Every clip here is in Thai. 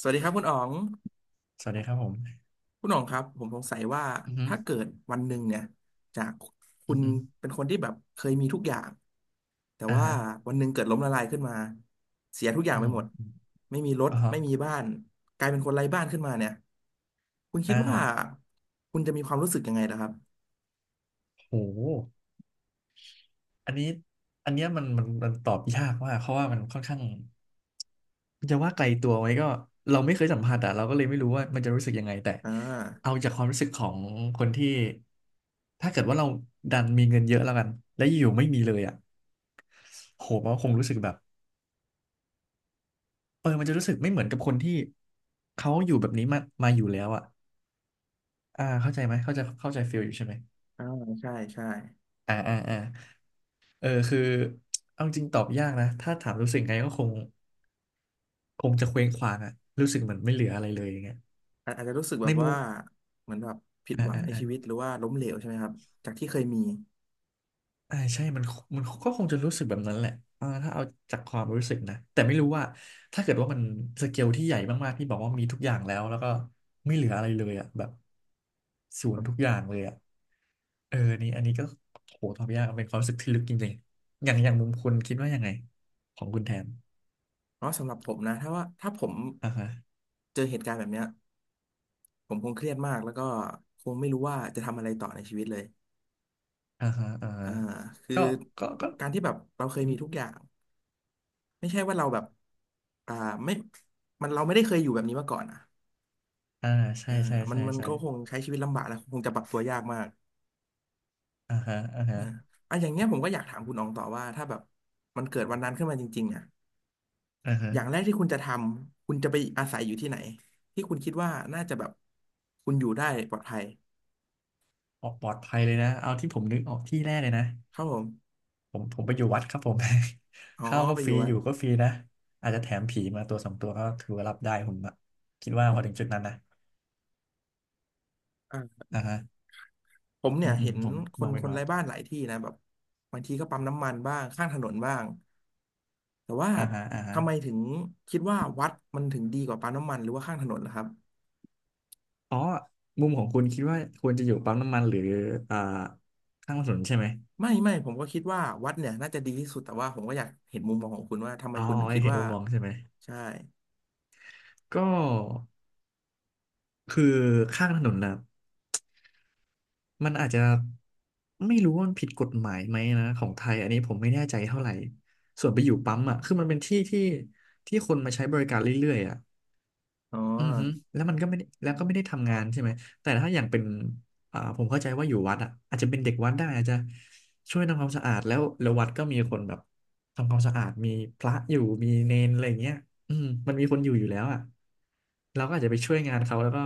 สวัสดีครับคุณอ๋องสวัสดีครับผมคุณอ๋องครับผมสงสัยว่าอือฮึถ้าเกิดวันหนึ่งเนี่ยจากคุอือณฮึเป็นคนที่แบบเคยมีทุกอย่างแต่อ่าว่าฮะ วันหนึ่งเกิดล้มละลายขึ้นมาเสียทุกอย่างอืไปมหมดอมไม่มีรถอ่าฮะไม่มีบ้านกลายเป็นคนไร้บ้านขึ้นมาเนี่ยคุณคิอ่ดว่าาคุณจะมีความรู้สึกยังไงล่ะครับโหอันนี้ อันเนี้ยมันตอบยากมากเพราะว่ามันค่อนข้างจะว่าไกลตัวไหมก็เราไม่เคยสัมผัสอ่ะเราก็เลยไม่รู้ว่ามันจะรู้สึกยังไงแต่อ่เอาาจากความรู้สึกของคนที่ถ้าเกิดว่าเราดันมีเงินเยอะแล้วกันและอยู่ๆไม่มีเลยอ่ะโหมันก็คงรู้สึกแบบเออมันจะรู้สึกไม่เหมือนกับคนที่เขาอยู่แบบนี้มาอยู่แล้วอ่ะอ่าเข้าใจไหมเข้าใจเข้าใจฟีลอยู่ใช่ไหมอ่าใช่ใช่อ่าอ่าอ่า เออคือเอาจริงตอบยากนะถ้าถามรู้สึกไงก็คงจะเคว้งคว้างอะรู้สึกเหมือนไม่เหลืออะไรเลยอย่างเงี้ยอาอาจจะรู้สึกแบในบมุว่ามเหมือนแบบผิดอ่าหวังอ่าในอ่าชีวิตหรือว่าล้มเหลวใช่ไหมครับจากที่เคยมี อ่าใช่มันมันก็คงจะรู้สึกแบบนั้นแหละอ่าถ้าเอาจากความรู้สึกนะแต่ไม่รู้ว่าถ้าเกิดว่ามันสเกลที่ใหญ่มากๆที่บอกว่ามีทุกอย่างแล้วก็ไม่เหลืออะไรเลยอะแบบศูนย์ทุกอย่างเลยอะเออนี่อันนี้ก็โหตอบยากเป็นความรู้สึกที่ลึกจริงๆอย่างมุมคุณคิดว่ายังไงของคุณแทนเพราะสำหรับผมนะถ้าว่าถ้าผมอ่าฮะ เจอเหตุการณ์แบบเนี้ยผมคงเครียดมากแล้วก็คงไม่รู้ว่าจะทำอะไรต่อในชีวิตเลยอ่าฮะ อ่าฮะอ่าคือก็ก็การที่แบบเราเคยมีทุกอย่างไม่ใช่ว่าเราแบบอ่าไม่มันเราไม่ได้เคยอยู่แบบนี้มาก่อนอ่ะอ่า ใช่อ่าใช่มันใช่มันใช่ก็คงใช้ชีวิตลำบากแล้วคงจะปรับตัวยากมากอ่าฮะอ่าฮะอ่าอ่ะอย่างเงี้ยผมก็อยากถามคุณอองต่อว่าถ้าแบบมันเกิดวันนั้นขึ้นมาจริงๆอ่ะอ่าฮะอย่างแรกที่คุณจะทำคุณจะไปอาศัยอยู่ที่ไหนที่คุณคิดว่าน่าจะแบบคุณอยู่ได้ปลอดภัย ออกปลอดภัยเลยนะ เอาที่ผมนึกออกที่แรกเลยนะ ครับผมผมไปอยู่วัดครับผม อ๋ อข้าวก็ไปฟอรียู่วัอดยู่ก็ฟรีนะ อาจจะแถมผีมาตัวสองตัวก็ถือว่ารับได้ผมอะคิดว่าพอถึงจุดนั้นนะอ่าอ่าฮะผมอืเนี่ยมอืเห็มนผมคมนองเป็คนนวัไร้ดบ้านหลายที่นะแบบบางทีก็ปั๊มน้ำมันบ้างข้างถนนบ้างแต่ว่าอ่าฮะ อ่าฮะทำไมถึงคิดว่าวัดมันถึงดีกว่าปั๊มน้ำมันหรือว่าข้างถนนล่ะครับอ๋อมุมของคุณคิดว่าควรจะอยู่ปั๊มน้ำมันหรืออ่า ข้างถนนใช่ไหมไม่ไม่ผมก็คิดว่าวัดเนี่ยน่าจะดีที่สุดแต่ว่าผมก็อยากเห็นมุมมองของคุณว่าทำไมอ๋อคุณถึงคิดเห็นว่ามุมมองใช่ไหมใช่ก็คือข้างถนนนะ มันอาจจะไม่รู้ว่ามันผิดกฎหมายไหมนะของไทยอันนี้ผมไม่แน่ใจเท่าไหร่ส่วนไปอยู่ปั๊มอ่ะคือมันเป็นที่ที่คนมาใช้บริการเรื่อยๆอ่ะอ๋ออือฮึแล้วมันก็ไม่ได้แล้วก็ไม่ได้ทำงานใช่ไหมแต่ถ้าอย่างเป็นอ่าผมเข้าใจว่าอยู่วัดอ่ะอาจจะเป็นเด็กวัดได้อาจจะช่วยทำความสะอาดแล้ววัดก็มีคนแบบทำความสะอาดมีพระอยู่มีเนนอะไรอย่างเงี้ยอืมมันมีคนอยู่แล้วอ่ะเราก็อาจจะไปช่วยงานเขาแล้วก็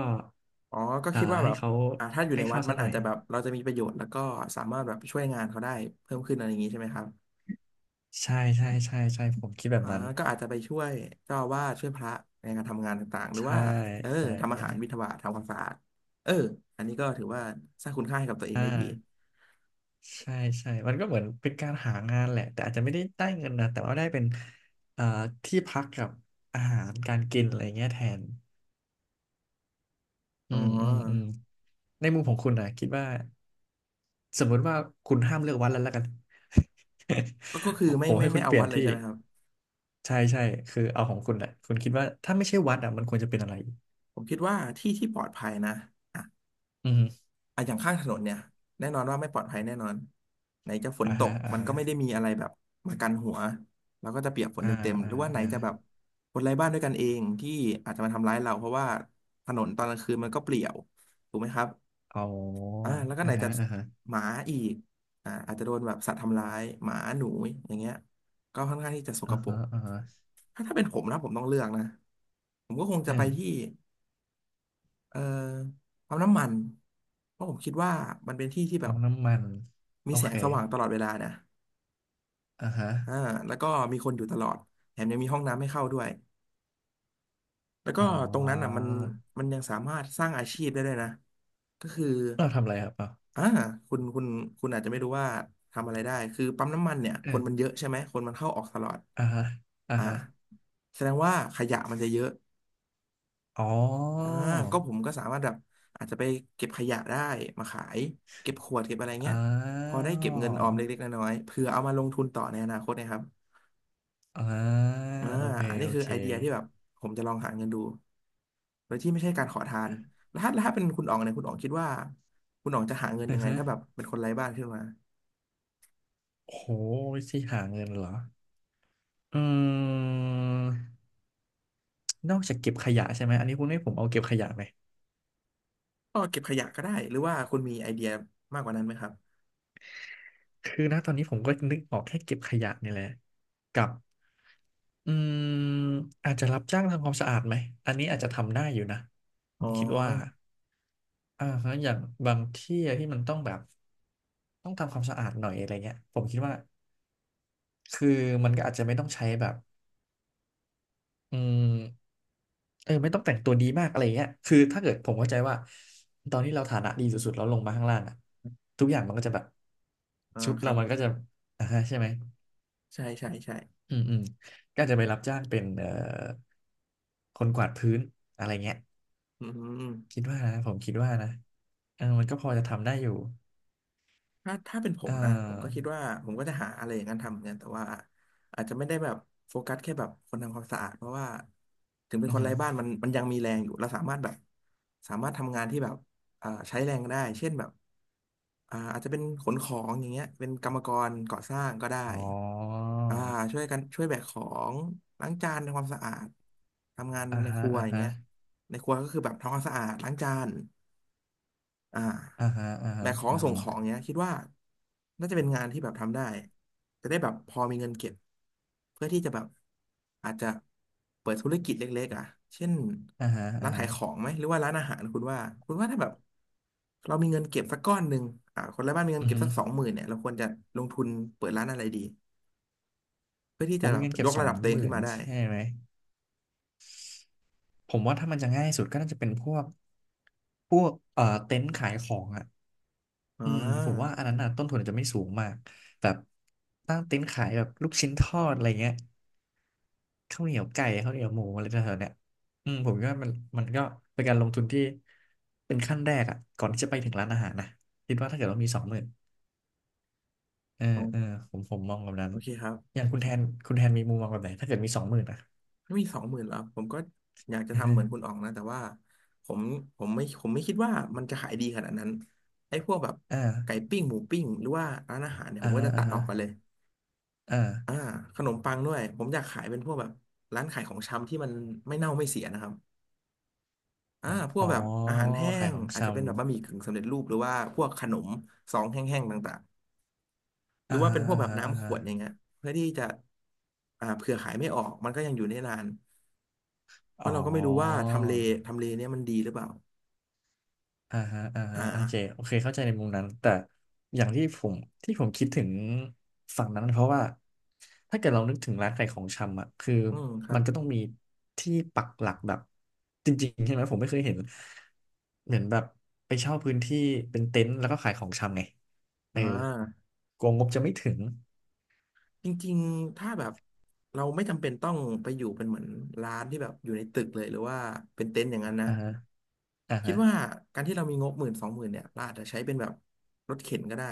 อ๋อก็อ่าคิดว่าให้แบบเขาถ้าอยู่ให้ในวัข้าดวมัซะนหน่อาอจย จะแบบเราจะมีประโยชน์แล้วก็สามารถแบบช่วยงานเขาได้เพิ่มขึ้นอะไรอย่างนี้ใช่ไหมครับ ใช่ใช่ใช่ใช่ผมคิดแบอ่าบนั้นก็อาจจะไปช่วยเจ้าอาวาสช่วยพระในการทำงานต่างๆหรือใช่ว่าเออใช่ทำอาใช่หารบิณฑบาตทำความสะอาดเอออันนี้ก็ถือว่าสร้างคุณค่าให้กับตัวเองอ่าได้ดีใช่ใช่มันก็เหมือนเป็นการหางานแหละแต่อาจจะไม่ได้ได้เงินนะแต่ว่าได้เป็นเอ่อที่พักกับอาหารการกินอะไรเงี้ยแทนอือ๋มอืมอืมอในมุมของคุณนะคิดว่าสมมติว่าคุณห้ามเลือกวัดแล้วกัน ก็คือ ผไม่มไม่ให้คุไม่ณเอาเปลี่ยวันดเลยที่ใช่ไหมครับใช่ใช่คือเอาของคุณอ่ะคุณคิดว่าถ้าไม่ใช่วัดอ่ะมันควรจะเป็นอะไรผมคิดว่าที่ที่ปลอดภัยนะอ่ะอืมอ่ะอย่างข้างถนนเนี่ยแน่นอนว่าไม่ปลอดภัยแน่นอนไหนจะฝนอ่าตฮะกอ่ามันฮะก็ไม่ได้มีอะไรแบบมากันหัวเราก็จะเปียกฝนอ่าเต็มๆหอ่ารือว่าไหนอ่า จะแบบคนไร้บ้านด้วยกันเองที่อาจจะมาทำร้ายเราเพราะว่าถนนตอนกลางคืนมันก็เปลี่ยวถูกไหมครับ อ๋อแล้วก็ไหอ่านฮะจะอ่าฮะหมาอีกอาจจะโดนแบบสัตว์ทำร้ายหมาหนูอย่างเงี้ยก็ค่อนข้างที่จะสกอ่าปรฮะกอ่าฮะถ้าถ้าเป็นผมนะผมต้องเลือกนะผมก็คงจะอืไปมที่เอ่อปั๊มน้ำมันเพราะผมคิดว่ามันเป็นที่ที่แบเอาบน้ำมัน มีโอแสเคงสว่างตลอดเวลานะอ่าฮะอ่าแล้วก็มีคนอยู่ตลอดแถมยังมีห้องน้ำให้เข้าด้วย แล้วก็อ๋อตรงนั้นอ่ะมันมันยังสามารถสร้างอาชีพได้ด้วยนะก็คือเราทำอะไรครับอ่ะอ่าคุณคุณอาจจะไม่รู้ว่าทำอะไรได้คือปั๊มน้ำมันเนี่ยคอืนมันเยมอะใช่ไหมคนมันเข้าออกตลอดอ่าฮะอ่าอ่าฮะแสดงว่าขยะมันจะเยอะอ๋ออ่าก็ผมก็สามารถแบบอาจจะไปเก็บขยะได้มาขายเก็บขวดเก็บอะไรเงี้ยอ้าพอได้เก็บเงินอวอมเล็กๆน้อยๆเผื่อเอามาลงทุนต่อในอนาคตนะครับอ่าอ่าโอเค อันนี้โอคือเคไอเดียที่แบบผมจะลองหาเงินดู โดยที่ไม่ใช่การขอทานแล้วถ้าแล้วถ้าเป็นคุณอ๋องเนี่ยคุณอ๋องคิดว่าคุณอ๋องจะหาเงินอืยัองไงฮะถ้าแบบเป็นคนไร้บ้านขึ้นมาโหวิธีหาเงินเหรออืมนอกจากเก็บขยะใช่ไหมอันนี้คุณให้ผมเอาเก็บขยะไหม ก็เก็บขยะก็ได้หรือว่าคุณมีไอเดียมากกว่านั้นไหมครับ คือนะตอนนี้ผมก็นึกออกแค่เก็บขยะนี่แหละกับอืมอาจจะรับจ้างทำความสะอาดไหมอันนี้อาจจะทำได้อยู่นะผอ๋อมคิดว่าอ่าฮะอย่างบางที่อะที่มันต้องแบบต้องทำความสะอาดหน่อยอะไรเงี้ยผมคิดว่าคือมันก็อาจจะไม่ต้องใช้แบบอืมเออไม่ต้องแต่งตัวดีมากอะไรเงี้ยคือถ้าเกิดผมเข้าใจว่าตอนที่เราฐานะดีสุดๆแล้วลงมาข้างล่างอะทุกอย่างมันก็จะแบบอ่าชุดคเรารับ มันก็จะอ่าฮะใช่ไหม ใช่ใช่ใช่อืมอืมก็อาจจะไปรับจ้างเป็นคนกวาดพื้นอะไรเงี้ยอืม คิดว่านะผมคิดว่านะเออมันก็พอจะทำได้อยู่ถ้าถ้าเป็นผเอมนะผมก็อคิดว่าผมก็จะหาอะไรอย่างนั้นทำเหมือนกันแต่ว่าอาจจะไม่ได้แบบโฟกัสแค่แบบคนทำความสะอาดเพราะว่าถึงเป็นอืคอนหืไร้อบ้านมันมันยังมีแรงอยู่เราสามารถแบบสามารถทำงานที่แบบใช้แรงได้เช่นแบบอาจจะเป็นขนของอย่างเงี้ยเป็นกรรมกรก่อสร้างก็ได้อ๋ออ่าช่วยกันช่วยแบกของล้างจานทำความสะอาดทำงานอ่าในคฮะรัวอ่าอย่างฮะเงี้ยในครัวก็คือแบบทำความสะอาดล้างจาน อ่อ่าาฮะอ่าแบฮะกของอ่าส่งฮะของเนี้ยคิดว่าน่าจะเป็นงานที่แบบทำได้จะได้แบบพอมีเงินเก็บเพื่อที่จะแบบอาจจะเปิดธุรกิจเล็กๆอ่ะเช่นอ่าฮะร้าอ่านขาฮะยของไหมหรือว่าร้านอาหารคุณว่าคุณว่าถ้าแบบเรามีเงินเก็บสักก้อนหนึ่งคนละบ้านมีเงินอือเก็บหือสักสองหมื่นเนี่ยเราควรจะลงทุนเปิดร้านอะไรดีเพื่อที่ผจะมแบมีบเงินเก็ยบกสอระงดับตัวเอหงมื่ขึ้นนมาได้ใช่ไหมผมว่าถ้ามันจะง่ายสุดก็น่าจะเป็นพวกเต็นท์ขายของอ่ะอ๋ออืมผมว่าอันนั้นน่ะต้นทุนอาจจะไม่สูงมากแบบตั้งเต็นท์ขายแบบลูกชิ้นทอดอะไรเงี้ย ข้าวเหนียวไก่ข้าวเหนียวหมูอะไรแถวๆเนี่ยอืมผมก็มันมันก็เป็นการลงทุนที่เป็นขั้นแรกอ่ะก่อนที่จะไปถึงร้านอาหารนะคิดว่าถ้าเกิดว่ามีสองหมื่นเออผมมองแบบนั้นโอเคครัอบ ย่างคุณแทนคุณแทนมีมุมมองแบบไหนถ้าเกิดมีสองหมื่นอ่ะมีสองหมื่นแล้วผมก็อยากจะอือทำฮึเหมือนคุณอ๋องนะแต่ว่าผมผมไม่คิดว่ามันจะขายดีขนาดนั้นไอ้พวกแบบไก่อ่าปิ้งหมูปิ้งหรือว่าร้านอาหารเนี่ยผอ่ามก็ฮะจะอ่าตัดฮะออกกันเลยอ่าอ่าขนมปังด้วยผมอยากขายเป็นพวกแบบร้านขายของชำที่มันไม่เน่าไม่เสียนะครับพวอ๋กอแบบอาหารแห้ขายงของอาชจจะเป็นแบบบะหมี่กึ่งสำเร็จรูปหรือว่าพวกขนมซองแห้งๆต่างๆำหรือ่าอว่าเป็ฮะนพวกแบอ่าบฮะอ่าน้ำขฮะวดอย่างเงี้ยเพื่อที่จะเผื่อขายไม่ออกมันก็ยังอยู่ได้นาน เพอ๋อ ราะเราก็ไม่รู้ว่าทำเลเนี่ยมันดีหรือเปล่าอ่าฮะอ่าฮะอ่าโอเคเข้าใจในมุมนั้นแต่อย่างที่ผมที่ผมคิดถึงฝั่งนั้นเพราะว่าถ้าเกิดเรานึกถึงร้านขายของชำอ่ะคืออืมครัมับนก็ต้องมีที่ปักหลักแบบจริงๆใช่ไหมผมไม่เคยเห็นเหมือนแบบไปเช่าพื้นที่เป็นเต็นท์แล้วก็ขายของชำไงเอออ่า กลัวงบจะไม่ถึงจริงๆ ถ้าแบบเราไม่จำเป็นต้องไปอยู่เป็นเหมือนร้านที่แบบอยู่ในตึกเลยหรือว่าเป็นเต็นท์อย่างนั้นนะ อ่าฮะอ่าคิดฮะว่าการที่เรามีงบหมื่นสองหมื่นเนี่ยเราอาจจะใช้เป็นแบบรถเข็นก็ได้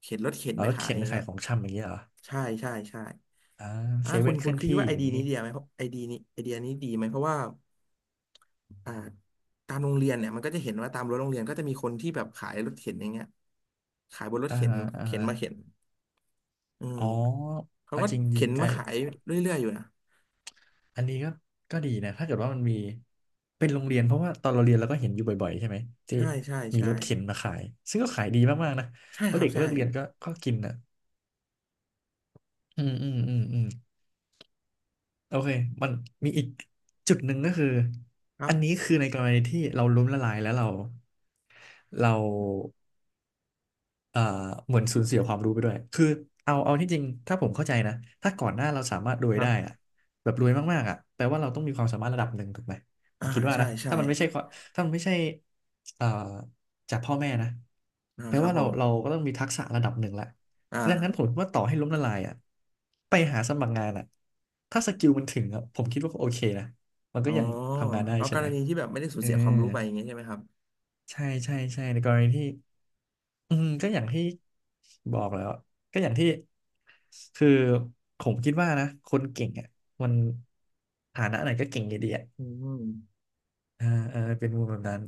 เข็นรถเข็นแล้วไปรถขายเข็นอย่างขาเงี้ยยของชำอย่างเงี้ยเหรอใช่ใช่ใช่อ่าอ่าเซคุเว่ณนเคคุลื่ณอนคิดที่ว่าไออย่าเดีงยงี้นี้ดีไหมเพราะไอเดียนี้ไอเดียนี้ดีไหมเพราะว่า อ่าตามโรงเรียนเนี่ยมันก็จะเห็นว่าตามรั้วโรงเรียนก็จะมีคนที่แบบขายรถเข็นอย่างเงี้ยขายบนรถอ่าเข็นฮะอ่าเข็นฮะมาเข็นอืมอ๋อเขาเอาก็จริเข็งนๆไอ้ มาขายเรื่อยๆอยู่นะอันนี้ก็ก็ดีนะถ้าเกิดว่ามันมีเป็นโรงเรียนเพราะว่าตอนเราเรียนเราก็เห็นอยู่บ่อยๆใช่ไหมที่ใช่ใช่มีใช่รถเข็นมาขายซึ่งก็ขายดีมากๆนะใช่เพคราะรัเด็บกใช่เลิกเรียนก็กินอ่ะอืมอืมอืมอืมโอเคมันมีอีกจุดหนึ่งก็คือครัอันนี้บคือในกรณีที่เราล้มละลายแล้วเรา เอ่อเหมือนสูญเสียความรู้ไปด้วยคือเอาที่จริงถ้าผมเข้าใจนะถ้าก่อนหน้าเราสามารถรวคยรัได้อะบแบบรวยมากๆอะแปลว่าเราต้องมีความสามารถระดับหนึ่งถูกไหมผอ่ามคิดว่าใช่นะใช่ถ้ามันไม่ใช่ความถ้ามันไม่ใช่เอ่อจากพ่อแม่นะอ่าแปลครับว่าผเราเรามก็ต้องมีทักษะระดับหนึ่งแหละอ่าดังนั้นผมว่าต่อให้ล้มละลายอะไปหาสมัครงานอะถ้าสกิลมันถึงอะผมคิดว่าก็โอเคนะมันอ๋ก็อยังทำงานได้เอาใช่กไหรมณีที่แบบไม่ได้สูเอญอเสียความรู้ไปอย่างเงี้ยใช่ไหมครับใช่ใช่ใช่ในกรณีที่ อืมก็อย่างที่บอกแล้วก็อย่างที่คือผมคิดว่านะคนเก่งอ่ะมันฐานะไหนก็เก่งอยู่ดีอ่ะอืมอ่าเออเป็นมุมแบบนั้น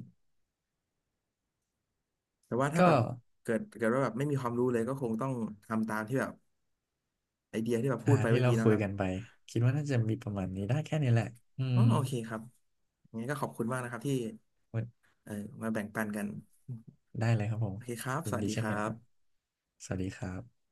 แต่ว่าถ้าแบก็บเกิดว่าแบบไม่มีความรู้เลยก็คงต้องทำตามที่แบบไอเดียที่แบบอ่าพูดไปที่เมื่อเรากี้นะคุคยรับกันไปคิดว่าน่าจะมีประมาณนี้ได้แค่นี้แหละอือ๋มอโอเคครับงั้นก็ขอบคุณมากนะครับที่ เออมาแบ่งปันกันได้เลยครับผมโอเคครับยิสนวัสดีดีคเช่นรักันครับบสวัสดีครับ